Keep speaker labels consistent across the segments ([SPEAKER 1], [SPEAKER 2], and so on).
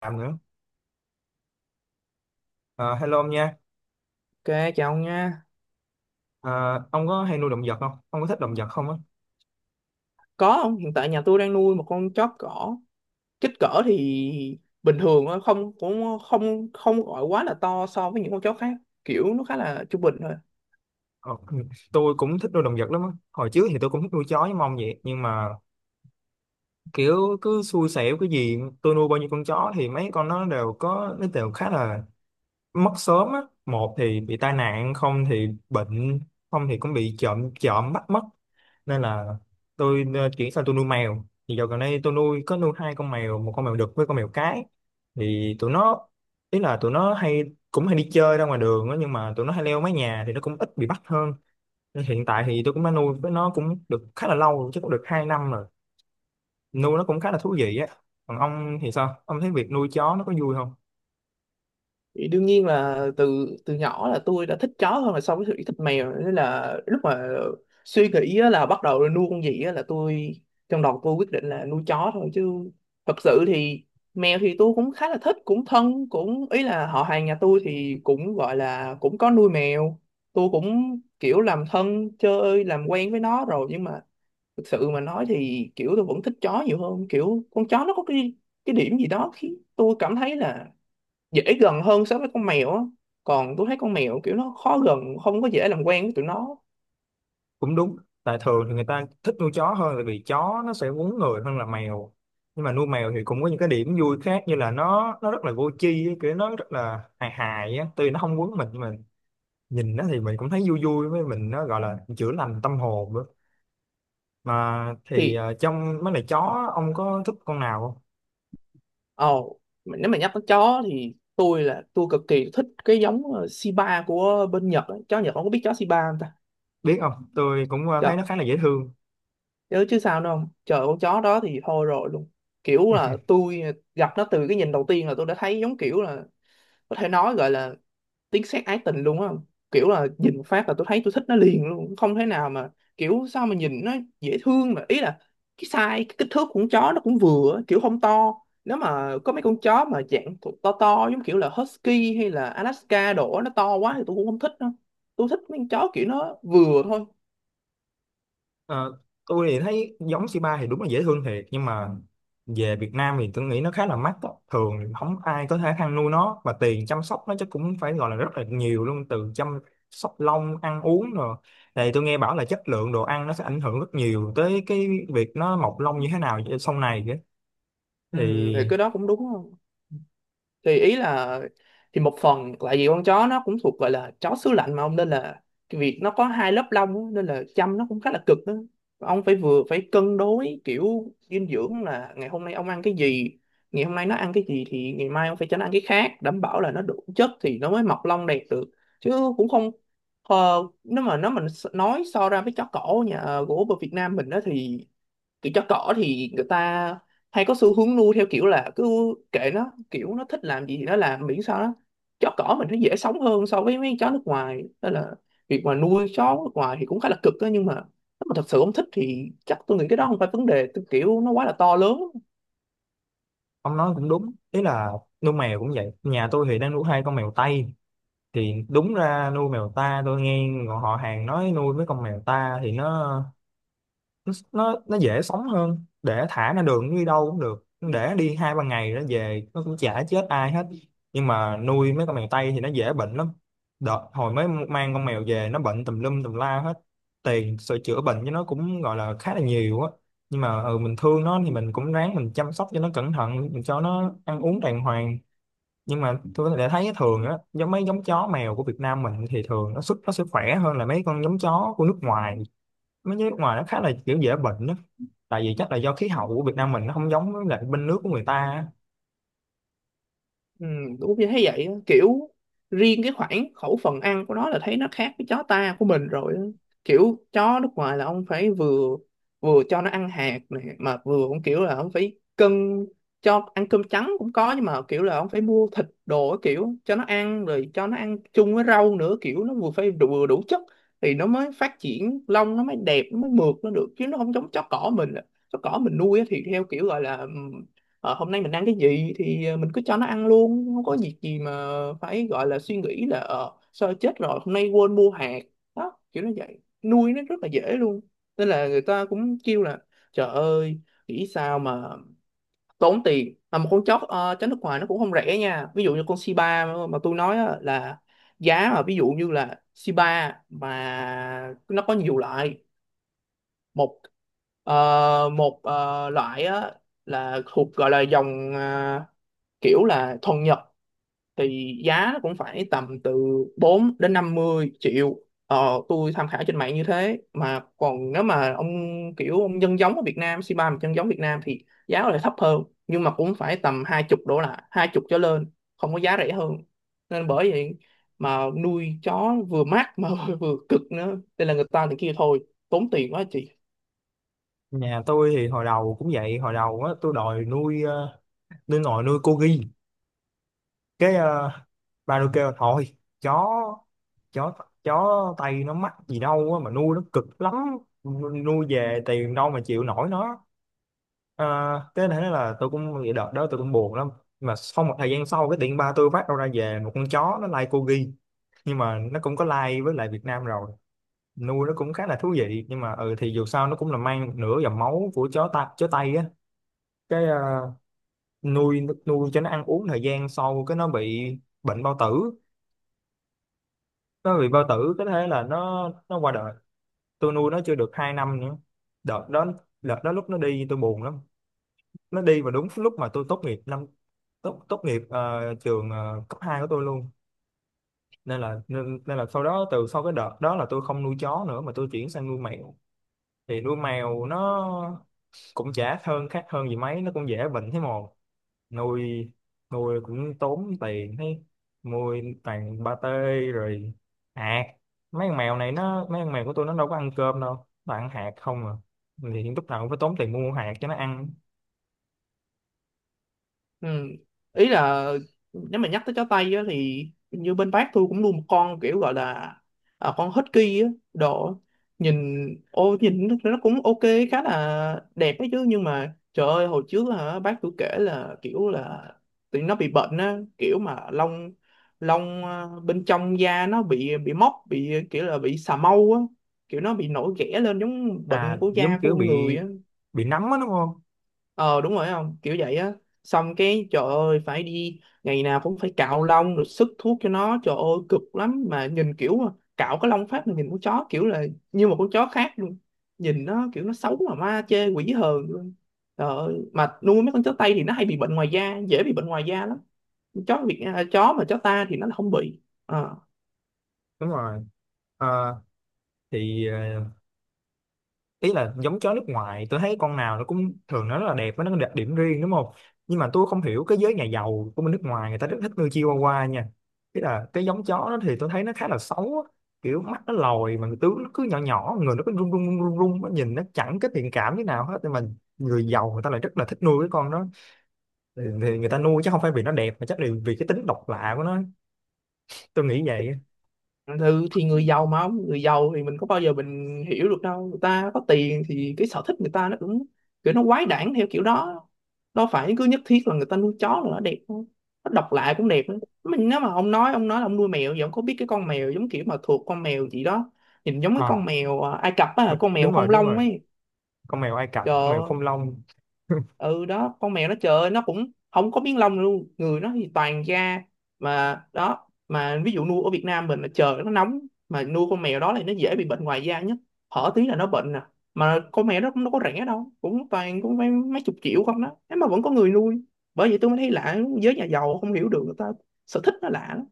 [SPEAKER 1] Làm nữa. Ờ, Hello ông nha.
[SPEAKER 2] Ok, chào ông nha.
[SPEAKER 1] Ờ, ông có hay nuôi động vật không, ông có thích động vật không á?
[SPEAKER 2] Có không? Hiện tại nhà tôi đang nuôi một con chó cỏ. Kích cỡ thì bình thường thôi. Không, cũng không không gọi quá là to so với những con chó khác. Kiểu nó khá là trung bình thôi.
[SPEAKER 1] Ờ, tôi cũng thích nuôi động vật lắm á. Hồi trước thì tôi cũng thích nuôi chó với mong vậy, nhưng mà kiểu cứ xui xẻo, cái gì tôi nuôi bao nhiêu con chó thì mấy con nó đều khá là mất sớm á, một thì bị tai nạn, không thì bệnh, không thì cũng bị trộm trộm bắt mất. Nên là tôi chuyển sang tôi nuôi mèo. Thì dạo gần đây tôi nuôi hai con mèo, một con mèo đực với con mèo cái. Thì tụi nó, ý là tụi nó hay cũng hay đi chơi ra ngoài đường á, nhưng mà tụi nó hay leo mái nhà thì nó cũng ít bị bắt hơn. Nên hiện tại thì tôi cũng đã nuôi với nó cũng được khá là lâu rồi, chắc cũng được 2 năm rồi. Nuôi nó cũng khá là thú vị á. Còn ông thì sao, ông thấy việc nuôi chó nó có vui không?
[SPEAKER 2] Thì đương nhiên là từ từ nhỏ là tôi đã thích chó hơn là so với sự thích mèo, nên là lúc mà suy nghĩ á, là bắt đầu nuôi con gì á, là tôi, trong đầu tôi quyết định là nuôi chó thôi chứ. Thật sự thì mèo thì tôi cũng khá là thích, cũng thân, cũng ý là họ hàng nhà tôi thì cũng gọi là cũng có nuôi mèo, tôi cũng kiểu làm thân chơi làm quen với nó rồi, nhưng mà thực sự mà nói thì kiểu tôi vẫn thích chó nhiều hơn. Kiểu con chó nó có cái điểm gì đó khiến tôi cảm thấy là dễ gần hơn so với con mèo á. Còn tôi thấy con mèo kiểu nó khó gần, không có dễ làm quen với tụi nó.
[SPEAKER 1] Cũng đúng, tại thường thì người ta thích nuôi chó hơn tại vì chó nó sẽ quấn người hơn là mèo. Nhưng mà nuôi mèo thì cũng có những cái điểm vui khác, như là nó rất là vô tri ấy, kiểu nó rất là hài hài á, tuy nó không quấn mình nhưng mà nhìn nó thì mình cũng thấy vui vui, với mình nó gọi là chữa lành tâm hồn nữa mà. Thì
[SPEAKER 2] Thì
[SPEAKER 1] trong mấy lại chó ông có thích con nào không?
[SPEAKER 2] ồ, mà nếu mà nhắc tới chó thì tôi là tôi cực kỳ thích cái giống Shiba của bên Nhật á. Chó Nhật, không có biết chó Shiba không ta?
[SPEAKER 1] Biết không, tôi cũng
[SPEAKER 2] Trời,
[SPEAKER 1] thấy nó khá là dễ thương.
[SPEAKER 2] chứ chứ sao nữa không trời, con chó đó thì thôi rồi luôn. Kiểu là tôi gặp nó từ cái nhìn đầu tiên là tôi đã thấy giống kiểu là, có thể nói gọi là tiếng sét ái tình luôn á. Kiểu là nhìn phát là tôi thấy tôi thích nó liền luôn, không thể nào mà, kiểu sao mà nhìn nó dễ thương mà. Ý là cái size, cái kích thước của con chó nó cũng vừa á, kiểu không to. Nếu mà có mấy con chó mà dạng thuộc to to giống kiểu là husky hay là Alaska đổ, nó to quá thì tôi cũng không thích đâu. Tôi thích mấy con chó kiểu nó vừa thôi.
[SPEAKER 1] Ờ, tôi thì thấy giống c ba thì đúng là dễ thương thiệt, nhưng mà về Việt Nam thì tôi nghĩ nó khá là mắc đó. Thường thì không ai có thể ăn nuôi nó, và tiền chăm sóc nó chắc cũng phải gọi là rất là nhiều luôn, từ chăm sóc lông, ăn uống rồi, thì tôi nghe bảo là chất lượng đồ ăn nó sẽ ảnh hưởng rất nhiều tới cái việc nó mọc lông như thế nào sau này kìa.
[SPEAKER 2] Ừ,
[SPEAKER 1] Thì
[SPEAKER 2] thì cái đó cũng đúng. Thì ý là thì một phần tại vì con chó nó cũng thuộc gọi là chó xứ lạnh mà ông, nên là cái việc nó có hai lớp lông á, nên là chăm nó cũng khá là cực đó. Ông phải vừa phải cân đối kiểu dinh dưỡng, là ngày hôm nay ông ăn cái gì, ngày hôm nay nó ăn cái gì, thì ngày mai ông phải cho nó ăn cái khác đảm bảo là nó đủ chất thì nó mới mọc lông đẹp được. Chứ cũng không, nếu mà nó mình nói so ra với chó cổ nhà gỗ ở Việt Nam mình đó thì kiểu chó cỏ thì người ta hay có xu hướng nuôi theo kiểu là cứ kệ nó, kiểu nó thích làm gì thì nó làm, miễn sao nó, chó cỏ mình nó dễ sống hơn so với mấy chó nước ngoài, nên là việc mà nuôi chó nước ngoài thì cũng khá là cực đó. Nhưng mà nếu mà thật sự không thích thì chắc tôi nghĩ cái đó không phải vấn đề tôi, kiểu nó quá là to lớn.
[SPEAKER 1] ông nói cũng đúng, ý là nuôi mèo cũng vậy. Nhà tôi thì đang nuôi hai con mèo Tây. Thì đúng ra nuôi mèo ta, tôi nghe họ hàng nói nuôi mấy con mèo ta thì nó dễ sống hơn, để thả ra đường nó đi đâu cũng được, nó để đi 2-3 ngày nó về nó cũng chả chết ai hết. Nhưng mà nuôi mấy con mèo Tây thì nó dễ bệnh lắm. Đợt hồi mới mang con mèo về nó bệnh tùm lum tùm la hết, tiền sửa chữa bệnh cho nó cũng gọi là khá là nhiều á. Nhưng mà ừ, mình thương nó thì mình cũng ráng mình chăm sóc cho nó cẩn thận, mình cho nó ăn uống đàng hoàng. Nhưng mà tôi có thể thấy thường á, giống mấy giống chó mèo của Việt Nam mình thì thường sức nó sẽ khỏe hơn là mấy con giống chó của nước ngoài. Mấy giống nước ngoài nó khá là kiểu dễ bệnh á, tại vì chắc là do khí hậu của Việt Nam mình nó không giống với lại bên nước của người ta á.
[SPEAKER 2] Ừ, đúng như thấy vậy á. Kiểu riêng cái khoảng khẩu phần ăn của nó là thấy nó khác với chó ta của mình rồi á. Kiểu chó nước ngoài là ông phải vừa, cho nó ăn hạt này, mà vừa cũng kiểu là ông phải cân, cho ăn cơm trắng cũng có, nhưng mà kiểu là ông phải mua thịt đồ á, kiểu cho nó ăn, rồi cho nó ăn chung với rau nữa, kiểu nó vừa phải đủ, vừa đủ chất thì nó mới phát triển, lông nó mới đẹp, nó mới mượt nó được. Chứ nó không giống chó cỏ mình. Chó cỏ mình nuôi á thì theo kiểu gọi là, hôm nay mình ăn cái gì thì mình cứ cho nó ăn luôn, không có việc gì mà phải gọi là suy nghĩ là sao chết rồi hôm nay quên mua hạt. Đó, kiểu nó vậy, nuôi nó rất là dễ luôn. Nên là người ta cũng kêu là trời ơi, nghĩ sao mà tốn tiền, mà một con chó chó nước ngoài nó cũng không rẻ nha. Ví dụ như con Shiba mà tôi nói á, là giá mà ví dụ như là Shiba mà nó có nhiều loại. Một một loại á là thuộc gọi là dòng, à, kiểu là thuần Nhật, thì giá nó cũng phải tầm từ 4 đến 50 triệu. Tôi tham khảo trên mạng như thế. Mà còn nếu mà ông, kiểu ông nhân giống ở Việt Nam, c ba mà nhân giống Việt Nam thì giá lại thấp hơn, nhưng mà cũng phải tầm 20 đổ lại, 20 trở lên, không có giá rẻ hơn. Nên bởi vậy, mà nuôi chó vừa mát mà vừa cực nữa. Đây là người ta thì kia thôi, tốn tiền quá chị.
[SPEAKER 1] Nhà tôi thì hồi đầu cũng vậy. Hồi đầu á, tôi đòi nuôi nuôi nồi nuôi cô ghi. Cái ba tôi kêu thôi, chó chó chó Tây nó mắc gì đâu á, mà nuôi nó cực lắm, nuôi về tiền đâu mà chịu nổi nó. Ờ, cái thế là tôi cũng vậy, đợt đó tôi cũng buồn lắm. Mà sau một thời gian sau, cái tiện ba tôi phát đâu ra về một con chó, nó lai like corgi, nhưng mà nó cũng có lai like với lại Việt Nam rồi. Nuôi nó cũng khá là thú vị, nhưng mà ừ thì dù sao nó cũng là mang một nửa dòng máu của chó ta chó Tây á. Cái nuôi nuôi cho nó ăn uống thời gian sau, cái nó bị bệnh bao tử. Nó bị bao tử cái thế là nó qua đời. Tôi nuôi nó chưa được 2 năm nữa. Đợt đó, đợt đó lúc nó đi tôi buồn lắm. Nó đi vào đúng lúc mà tôi tốt nghiệp năm tốt tốt nghiệp trường cấp 2 của tôi luôn. Nên là nên là sau đó, từ sau cái đợt đó là tôi không nuôi chó nữa mà tôi chuyển sang nuôi mèo. Thì nuôi mèo nó cũng chả khác hơn gì mấy, nó cũng dễ bệnh thế mồ. Nuôi nuôi cũng tốn tiền thế, mua toàn ba tê, rồi hạt. Mấy con mèo này nó, mấy con mèo của tôi nó đâu có ăn cơm đâu, nó ăn hạt không à. Thì lúc nào cũng phải tốn tiền mua hạt cho nó ăn.
[SPEAKER 2] Ừ. Ý là nếu mà nhắc tới chó Tây á, thì như bên bác tôi cũng nuôi một con kiểu gọi là, à, con Husky á. Độ nhìn, ô, nhìn nó cũng ok, khá là đẹp ấy chứ. Nhưng mà trời ơi, hồi trước là bác tôi kể là kiểu là tụi nó bị bệnh á, kiểu mà lông, à, bên trong da nó bị mốc, bị kiểu là bị xà mâu á, kiểu nó bị nổi ghẻ lên giống bệnh
[SPEAKER 1] À,
[SPEAKER 2] của
[SPEAKER 1] giống
[SPEAKER 2] da của
[SPEAKER 1] kiểu
[SPEAKER 2] con người á.
[SPEAKER 1] bị nấm á đúng không?
[SPEAKER 2] Ờ, đúng rồi, không kiểu vậy á. Xong cái trời ơi phải đi, ngày nào cũng phải cạo lông rồi sức thuốc cho nó, trời ơi cực lắm. Mà nhìn kiểu cạo cái lông phát mà nhìn con chó kiểu là như một con chó khác luôn. Nhìn nó kiểu nó xấu mà ma chê quỷ hờn luôn. Trời ơi, mà nuôi mấy con chó Tây thì nó hay bị bệnh ngoài da, dễ bị bệnh ngoài da lắm. Chó Việt, à, chó mà chó ta thì nó không bị. Ờ.
[SPEAKER 1] Đúng rồi. Ờ, thì ý là giống chó nước ngoài tôi thấy con nào nó cũng thường nó rất là đẹp, với nó có đặc điểm riêng đúng không. Nhưng mà tôi không hiểu cái giới nhà giàu của bên nước ngoài người ta rất thích nuôi Chihuahua nha. Ý là cái giống chó đó thì tôi thấy nó khá là xấu á. Kiểu mắt nó lồi mà tướng nó cứ nhỏ nhỏ, người nó cứ rung rung rung rung rung, nó nhìn nó chẳng cái thiện cảm như nào hết. Nhưng mà người giàu người ta lại rất là thích nuôi cái con đó. Thì người ta nuôi chứ không phải vì nó đẹp, mà chắc là vì cái tính độc lạ của nó, tôi nghĩ vậy.
[SPEAKER 2] Ừ, thì người giàu mà ông, người giàu thì mình có bao giờ mình hiểu được đâu. Người ta có tiền thì cái sở thích người ta nó cũng kiểu nó quái đản theo kiểu đó. Đâu phải cứ nhất thiết là người ta nuôi chó là nó đẹp đâu. Nó độc lạ cũng đẹp nữa. Mình, nếu mà ông nói là ông nuôi mèo vậy, ông có biết cái con mèo giống kiểu mà thuộc con mèo gì đó, nhìn giống cái con
[SPEAKER 1] À,
[SPEAKER 2] mèo à, Ai Cập á, con
[SPEAKER 1] đúng
[SPEAKER 2] mèo
[SPEAKER 1] rồi,
[SPEAKER 2] không
[SPEAKER 1] đúng
[SPEAKER 2] lông
[SPEAKER 1] rồi,
[SPEAKER 2] ấy.
[SPEAKER 1] con mèo Ai Cập, con mèo
[SPEAKER 2] Trời,
[SPEAKER 1] không lông.
[SPEAKER 2] ừ đó, con mèo nó trời ơi, nó cũng không có miếng lông luôn, người nó thì toàn da. Mà đó, mà ví dụ nuôi ở Việt Nam mình là trời nó nóng, mà nuôi con mèo đó thì nó dễ bị bệnh ngoài da nhất, hở tí là nó bệnh nè. Mà con mèo đó cũng đâu có rẻ đâu, cũng toàn cũng mấy chục triệu không đó, thế mà vẫn có người nuôi. Bởi vậy tôi mới thấy lạ. Giới nhà giàu không hiểu được, người ta sở thích nó lạ lắm.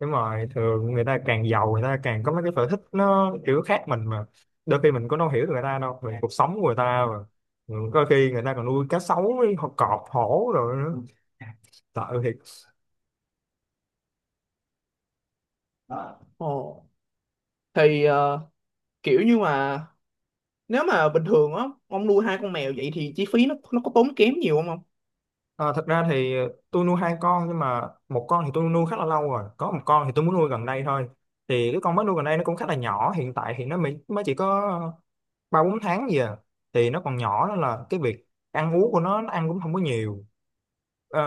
[SPEAKER 1] Đúng rồi, thường người ta càng giàu người ta càng có mấy cái sở thích nó kiểu khác mình mà, đôi khi mình cũng đâu hiểu được người ta đâu, về cuộc sống của người ta mà. Ừ, có khi người ta còn nuôi cá sấu với họ cọp hổ rồi nữa, sợ thiệt.
[SPEAKER 2] Ồ, thì kiểu như mà, nếu mà bình thường á ông nuôi hai con mèo vậy thì chi phí nó có tốn kém nhiều không ông?
[SPEAKER 1] À, thật ra thì tôi nuôi hai con, nhưng mà một con thì tôi nuôi khá là lâu rồi, có một con thì tôi muốn nuôi gần đây thôi. Thì cái con mới nuôi gần đây nó cũng khá là nhỏ, hiện tại thì nó mới mới chỉ có 3-4 tháng gì à. Thì nó còn nhỏ nên là cái việc ăn uống của nó ăn cũng không có nhiều. Ờ,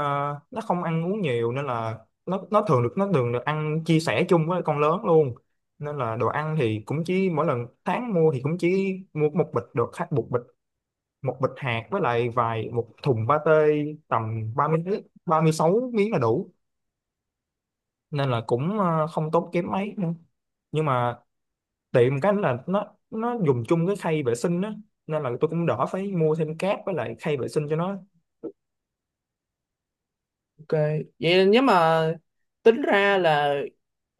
[SPEAKER 1] nó không ăn uống nhiều nên là nó thường được ăn chia sẻ chung với con lớn luôn. Nên là đồ ăn thì cũng chỉ mỗi lần tháng mua thì cũng chỉ mua một bịch hạt, với lại vài một thùng pate, tầm ba ba mươi 36 miếng là đủ. Nên là cũng không tốn kém mấy nữa. Nhưng mà tiệm cái là nó dùng chung cái khay vệ sinh á, nên là tôi cũng đỡ phải mua thêm cát với lại khay vệ sinh cho nó.
[SPEAKER 2] Ok, vậy nếu mà tính ra là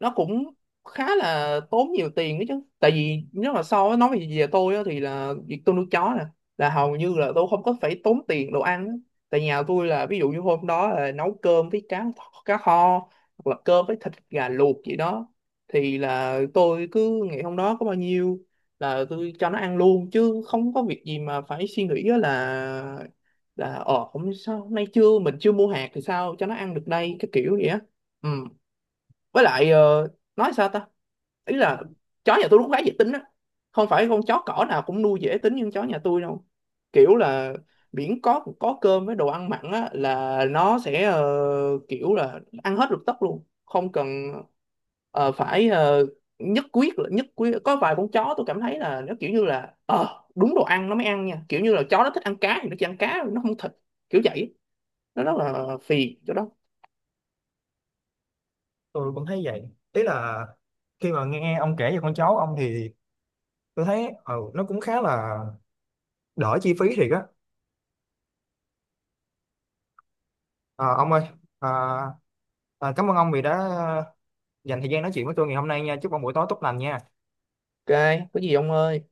[SPEAKER 2] nó cũng khá là tốn nhiều tiền đấy chứ. Tại vì nếu mà so với nói về về tôi á, thì là việc tôi nuôi chó nè là hầu như là tôi không có phải tốn tiền đồ ăn á. Tại nhà tôi là ví dụ như hôm đó là nấu cơm với cá, cá kho, hoặc là cơm với thịt gà luộc gì đó, thì là tôi cứ ngày hôm đó có bao nhiêu là tôi cho nó ăn luôn, chứ không có việc gì mà phải suy nghĩ á, là không sao hôm nay chưa, mình chưa mua hạt thì sao cho nó ăn được đây, cái kiểu vậy á. Ừ, với lại nói sao ta, ý là chó nhà tôi nó cũng khá dễ tính á. Không phải con chó cỏ nào cũng nuôi dễ tính như chó nhà tôi đâu. Kiểu là miễn có cơm với đồ ăn mặn á là nó sẽ kiểu là ăn hết lục tốc luôn, không cần ờ, phải ờ, nhất quyết là, nhất quyết có vài con chó tôi cảm thấy là nó kiểu như là đúng đồ ăn nó mới ăn nha, kiểu như là chó nó thích ăn cá thì nó chỉ ăn cá, nó không thịt, kiểu vậy, nó rất là phiền chỗ đó.
[SPEAKER 1] Tôi cũng thấy vậy, ý là khi mà nghe ông kể về con cháu ông thì tôi thấy ừ, nó cũng khá là đỡ chi phí thiệt á. Ờ, ông ơi, à, cảm ơn ông vì đã dành thời gian nói chuyện với tôi ngày hôm nay nha, chúc ông buổi tối tốt lành nha.
[SPEAKER 2] Ok, có gì ông ơi.